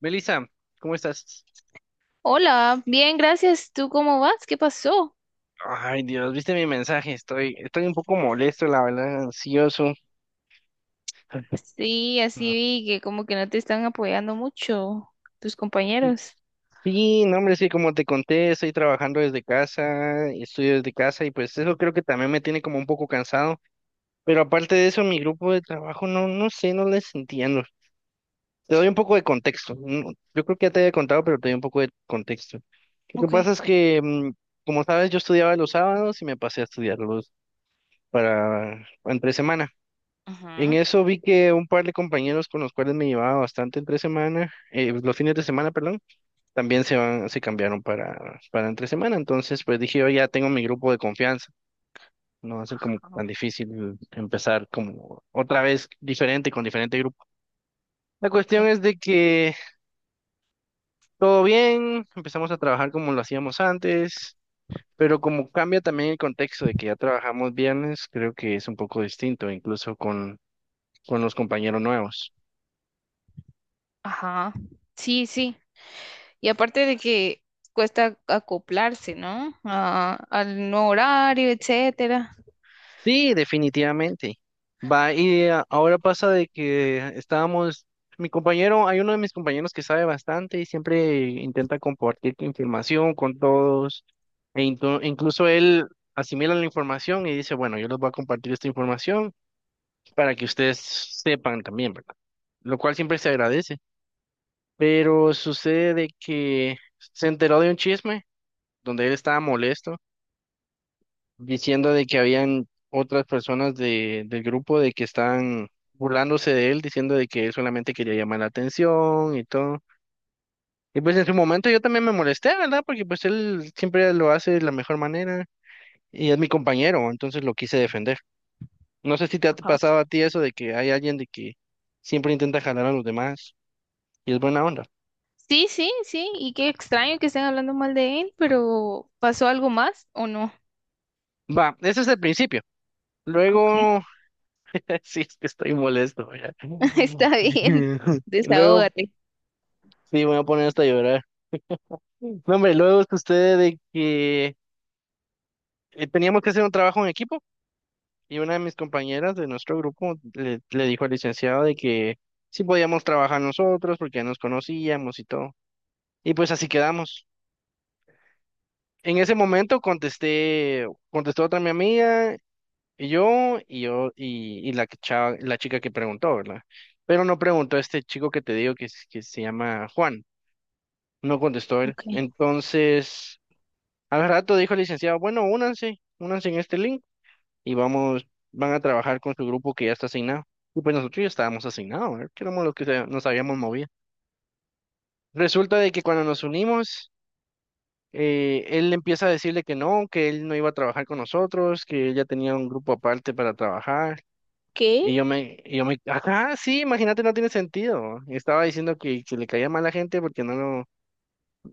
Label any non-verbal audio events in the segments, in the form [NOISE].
Melissa, ¿cómo estás? Hola, bien, gracias. ¿Tú cómo vas? ¿Qué pasó? Ay, Dios, ¿viste mi mensaje? Estoy un poco molesto, la verdad, ansioso. Sí, así Ah. vi que como que no te están apoyando mucho tus compañeros. Sí, no, hombre, sí, como te conté, estoy trabajando desde casa, estudio desde casa y pues eso creo que también me tiene como un poco cansado. Pero aparte de eso, mi grupo de trabajo, no, no sé, no les entiendo. Te doy un poco de contexto. No, yo creo que ya te había contado, pero te doy un poco de contexto. Lo que Ok. pasa es que, como sabes, yo estudiaba los sábados y me pasé a estudiarlos para entre semana. En Ajá. eso vi que un par de compañeros con los cuales me llevaba bastante entre semana, pues, los fines de semana, perdón, también se van, se cambiaron para, entre semana. Entonces, pues dije, yo ya tengo mi grupo de confianza. No va a ser como Ajá. tan difícil empezar como otra vez diferente con diferente grupo. La Ok. cuestión es de que todo bien, empezamos a trabajar como lo hacíamos antes, pero como cambia también el contexto de que ya trabajamos viernes, creo que es un poco distinto, incluso con los compañeros nuevos. Ajá. Sí, sí. Y aparte de que cuesta acoplarse, ¿no? Al nuevo horario, etcétera. Sí, definitivamente. Va, y ahora pasa de que estábamos, mi compañero, hay uno de mis compañeros que sabe bastante y siempre intenta compartir información con todos, e incluso él asimila la información y dice, bueno, yo les voy a compartir esta información para que ustedes sepan también, ¿verdad? Lo cual siempre se agradece. Pero sucede de que se enteró de un chisme donde él estaba molesto diciendo de que habían otras personas de, del grupo de que estaban burlándose de él, diciendo de que él solamente quería llamar la atención y todo. Y pues en su momento yo también me molesté, ¿verdad? Porque pues él siempre lo hace de la mejor manera y es mi compañero, entonces lo quise defender. No sé si te ha Ajá. pasado a ti eso de que hay alguien de que siempre intenta jalar a los demás y es buena onda. Sí, sí, sí. Y qué extraño que estén hablando mal de él, pero ¿pasó algo más o no? Va, ese es el principio. Ok. Luego, [LAUGHS] sí, es que estoy molesto, ¿verdad? [LAUGHS] Está bien. [LAUGHS] Luego, Desahógate. sí, me voy a poner hasta llorar. No, hombre, luego sucede de que teníamos que hacer un trabajo en equipo y una de mis compañeras de nuestro grupo le dijo al licenciado de que sí podíamos trabajar nosotros porque ya nos conocíamos y todo. Y pues así quedamos. En ese momento contestó otra mi amiga y yo y la la chica que preguntó, ¿verdad? Pero no preguntó este chico que te digo que, que se llama Juan. No contestó él. Ok. Entonces, al rato dijo el licenciado, bueno, únanse, únanse en este link. Y vamos, van a trabajar con su grupo que ya está asignado. Y pues nosotros ya estábamos asignados, ¿verdad? Que éramos los que nos habíamos movido. Resulta de que cuando nos unimos, él empieza a decirle que no, que él no iba a trabajar con nosotros, que él ya tenía un grupo aparte para trabajar. ¿Qué? Ajá, sí, imagínate, no tiene sentido. Estaba diciendo que le caía mal a la gente porque no lo,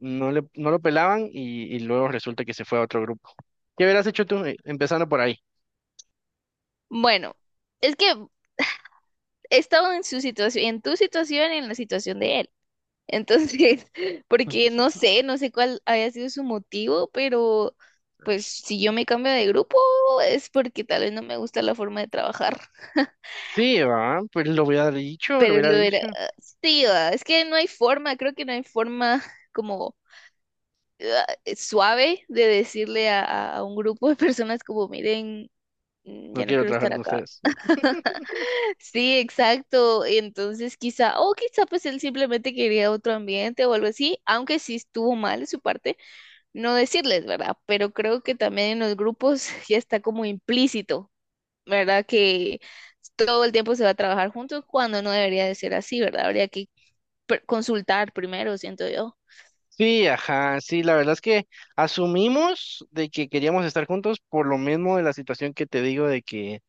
no le, no lo pelaban y luego resulta que se fue a otro grupo. ¿Qué hubieras hecho tú empezando por ahí? Bueno, es que he estado en su situación, en tu situación y en la situación de él. Entonces, [LAUGHS] porque [LAUGHS] no sé cuál había sido su motivo, pero pues si yo me cambio de grupo es porque tal vez no me gusta la forma de trabajar. [LAUGHS] Sí, va, pues lo hubiera dicho, lo Pero hubiera lo era, dicho. sí, es que no hay forma, creo que no hay forma [LAUGHS] como ah, suave de decirle a, a un grupo de personas como, miren, No ya no quiero quiero trabajar estar con acá. ustedes. [LAUGHS] Sí, exacto. Entonces quizá, o quizá pues él simplemente quería otro ambiente o algo así, aunque sí estuvo mal de su parte no decirles, ¿verdad? Pero creo que también en los grupos [LAUGHS] ya está como implícito, ¿verdad? Que todo el tiempo se va a trabajar juntos cuando no debería de ser así, ¿verdad? Habría que consultar primero, siento yo. Sí, ajá, sí, la verdad es que asumimos de que queríamos estar juntos por lo mismo de la situación que te digo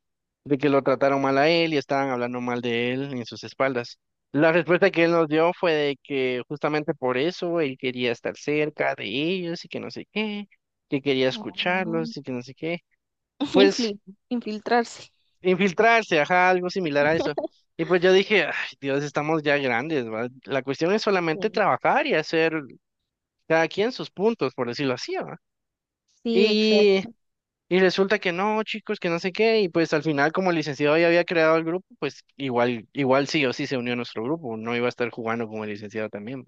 de que lo trataron mal a él y estaban hablando mal de él en sus espaldas. La respuesta que él nos dio fue de que justamente por eso él quería estar cerca de ellos y que no sé qué, que quería Mm, escucharlos y que no sé qué. Pues Influ- [LAUGHS] infiltrarse. infiltrarse, ajá, algo similar a eso. Y pues yo dije, ay, Dios, estamos ya grandes, ¿va? La cuestión es solamente Sí, trabajar y hacer cada quien sus puntos, por decirlo así, ¿va? sí, Y, exacto. y resulta que no, chicos, que no sé qué, y pues al final como el licenciado ya había creado el grupo, pues igual, igual sí o sí se unió a nuestro grupo, no iba a estar jugando con el licenciado también.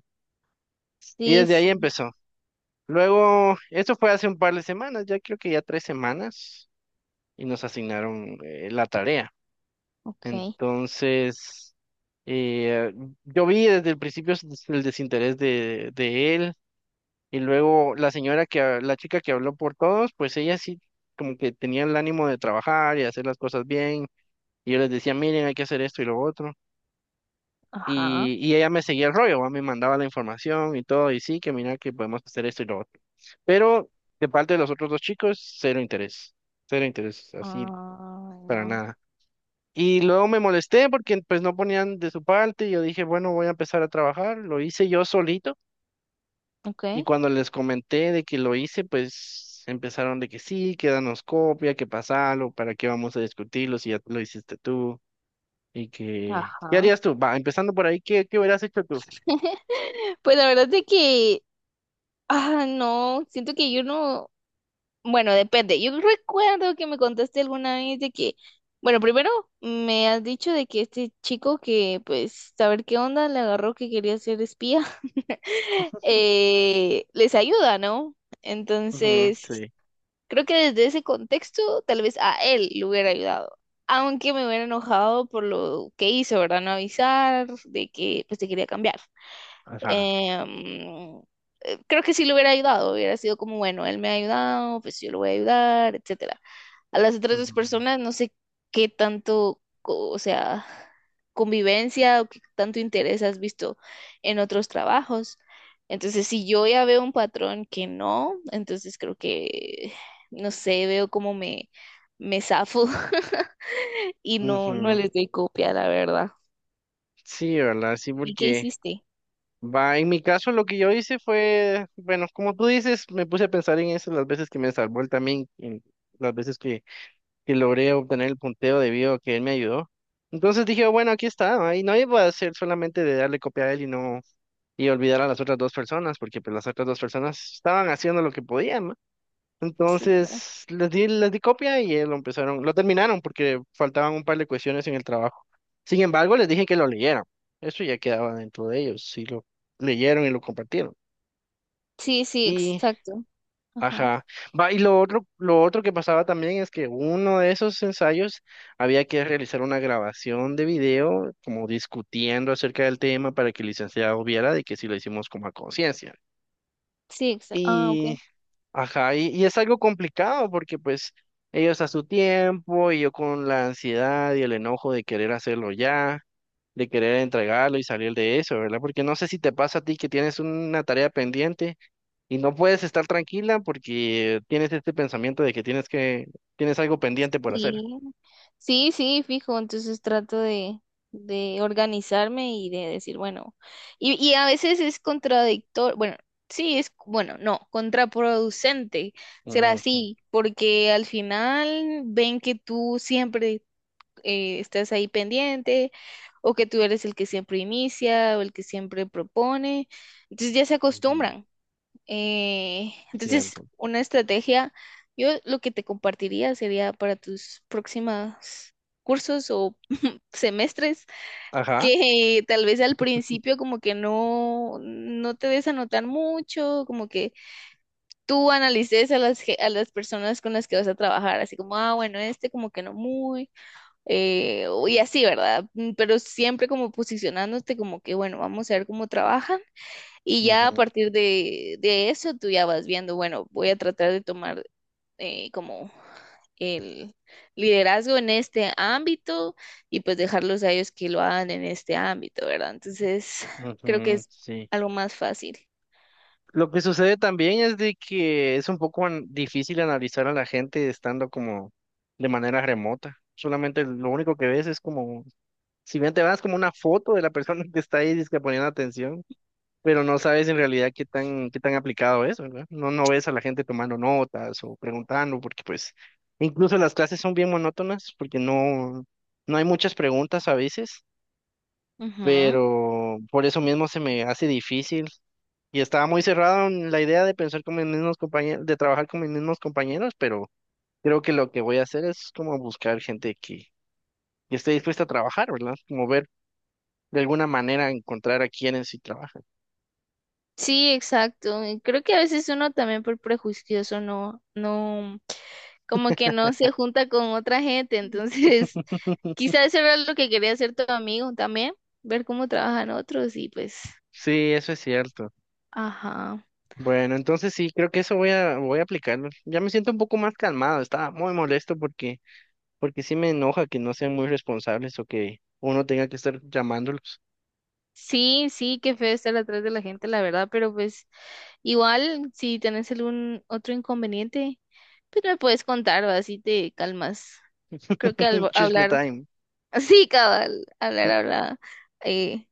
Y Sí, desde ahí sí. empezó. Luego, esto fue hace un par de semanas, ya creo que ya tres semanas, y nos asignaron la tarea. Ok. Entonces, eh, yo vi desde el principio el desinterés de él. Y luego la señora que, la chica que habló por todos, pues ella sí como que tenía el ánimo de trabajar y hacer las cosas bien. Y yo les decía, miren, hay que hacer esto y lo otro. Ajá. Y ella me seguía el rollo, ¿va? Me mandaba la información y todo, y sí, que mira que podemos hacer esto y lo otro. Pero de parte de los otros dos chicos, cero interés, así Ah, para no. nada. Y luego me molesté porque pues no ponían de su parte y yo dije, bueno, voy a empezar a trabajar, lo hice yo solito. Ok. Y cuando les comenté de que lo hice, pues empezaron de que sí, que danos copia, que pasalo, para qué vamos a discutirlo si ya lo hiciste tú y que... ¿Qué Ajá. harías tú? Va, empezando por ahí, ¿qué, qué hubieras hecho tú? [LAUGHS] Pues la verdad es que, no, siento que yo no, bueno, depende. Yo recuerdo que me contaste alguna vez de que, bueno, primero me has dicho de que este chico que, pues, saber qué onda, le agarró que quería ser espía, [LAUGHS] les ayuda, ¿no? Ujú, Entonces, sí, creo que desde ese contexto tal vez a él le hubiera ayudado, aunque me hubiera enojado por lo que hizo, ¿verdad? No avisar de que pues te quería cambiar. ajá. Em, creo que sí le hubiera ayudado, hubiera sido como, bueno, él me ha ayudado, pues yo lo voy a ayudar, etcétera. A las otras dos Ujú. personas no sé qué tanto, o sea, convivencia o qué tanto interés has visto en otros trabajos. Entonces, si yo ya veo un patrón que no, entonces creo que no sé, veo cómo me zafo [LAUGHS] y no, no Ujú, les doy copia, la verdad. sí, ¿verdad? Sí, ¿Y qué porque... hiciste? Va, en mi caso lo que yo hice fue, bueno, como tú dices, me puse a pensar en eso las veces que me salvó él también, en las veces que logré obtener el punteo debido a que él me ayudó. Entonces dije, bueno, aquí está, ¿va? Y no iba a ser solamente de darle copia a él y no, y olvidar a las otras dos personas, porque pues las otras dos personas estaban haciendo lo que podían, ¿no? Sí, claro. Entonces les di copia y lo empezaron, lo terminaron porque faltaban un par de cuestiones en el trabajo. Sin embargo, les dije que lo leyeran. Eso ya quedaba dentro de ellos, si lo leyeron y lo compartieron. Sí, sí, Y, exacto. Ajá. ajá. Va, y lo otro que pasaba también es que uno de esos ensayos había que realizar una grabación de video, como discutiendo acerca del tema para que el licenciado viera de que si lo hicimos como a conciencia. Sí, exacto. Ah, ok. Y ajá, y es algo complicado porque pues ellos a su tiempo y yo con la ansiedad y el enojo de querer hacerlo ya, de querer entregarlo y salir de eso, ¿verdad? Porque no sé si te pasa a ti que tienes una tarea pendiente y no puedes estar tranquila porque tienes este pensamiento de que, tienes algo pendiente por hacer. Sí. Sí, sí, fijo. Entonces trato de organizarme y de decir, bueno, y a veces es contradictorio, bueno, sí, es, bueno, no, contraproducente será Ujú, así, porque al final ven que tú siempre estás ahí pendiente o que tú eres el que siempre inicia o el que siempre propone. Entonces ya se ujú, acostumbran. Entonces, cierto. una estrategia, yo lo que te compartiría sería para tus próximas cursos o [LAUGHS] semestres, Ajá. que tal vez al principio como que no te des anotar mucho, como que tú analices a a las personas con las que vas a trabajar, así como, ah, bueno, este como que no muy y así, ¿verdad? Pero siempre como posicionándote como que, bueno, vamos a ver cómo trabajan y ya a Ujú, partir de eso tú ya vas viendo, bueno, voy a tratar de tomar como el liderazgo en este ámbito y pues dejarlos a ellos que lo hagan en este ámbito, ¿verdad? Entonces, creo que ujú, es sí. algo más fácil. Lo que sucede también es de que es un poco difícil analizar a la gente estando como de manera remota. Solamente lo único que ves es como, si bien te vas como una foto de la persona [LAUGHS] que está ahí dizque poniendo atención, pero no sabes en realidad qué tan, aplicado es, ¿verdad? No, no ves a la gente tomando notas o preguntando, porque pues incluso las clases son bien monótonas, porque no hay muchas preguntas a veces, Ujú. pero por eso mismo se me hace difícil. Y estaba muy cerrado en la idea de pensar con mis mismos compañeros, de trabajar con mis mismos compañeros, pero creo que lo que voy a hacer es como buscar gente que esté dispuesta a trabajar, ¿verdad? Como ver de alguna manera encontrar a quienes sí trabajan. Sí, exacto. Y creo que a veces uno también por prejuicioso como que no se junta con otra gente. Entonces, [LAUGHS] [LAUGHS] quizás eso era lo que quería hacer tu amigo también, ver cómo trabajan otros y pues, Sí, eso es cierto. ajá. Bueno, entonces sí, creo que eso voy a aplicarlo. Ya me siento un poco más calmado, estaba muy molesto porque sí me enoja que no sean muy responsables o que uno tenga que estar llamándolos. Sí, sí, qué feo estar atrás de la gente, la verdad, pero pues igual si tenés algún otro inconveniente, pues me puedes contar, ¿va? Así te calmas. Creo que [LAUGHS] al Chisme hablar, time. [LAUGHS] sí, cabal, hablar, eh,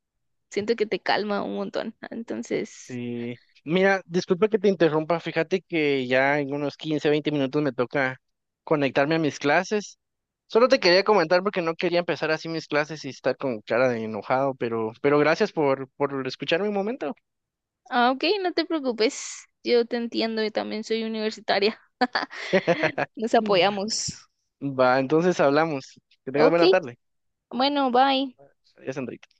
siento que te calma un montón. Entonces, Sí. Mira, disculpa que te interrumpa, fíjate que ya en unos 15, 20 minutos me toca conectarme a mis clases. Solo te quería comentar porque no quería empezar así mis clases y estar con cara de enojado, pero gracias por escucharme un momento. ah, ok, no te preocupes. Yo te entiendo, y también soy universitaria. [LAUGHS] Nos Mm. [LAUGHS] apoyamos. Va, entonces hablamos. Que tengas Ok, buena tarde. bueno, bye. Adiós, Andrés.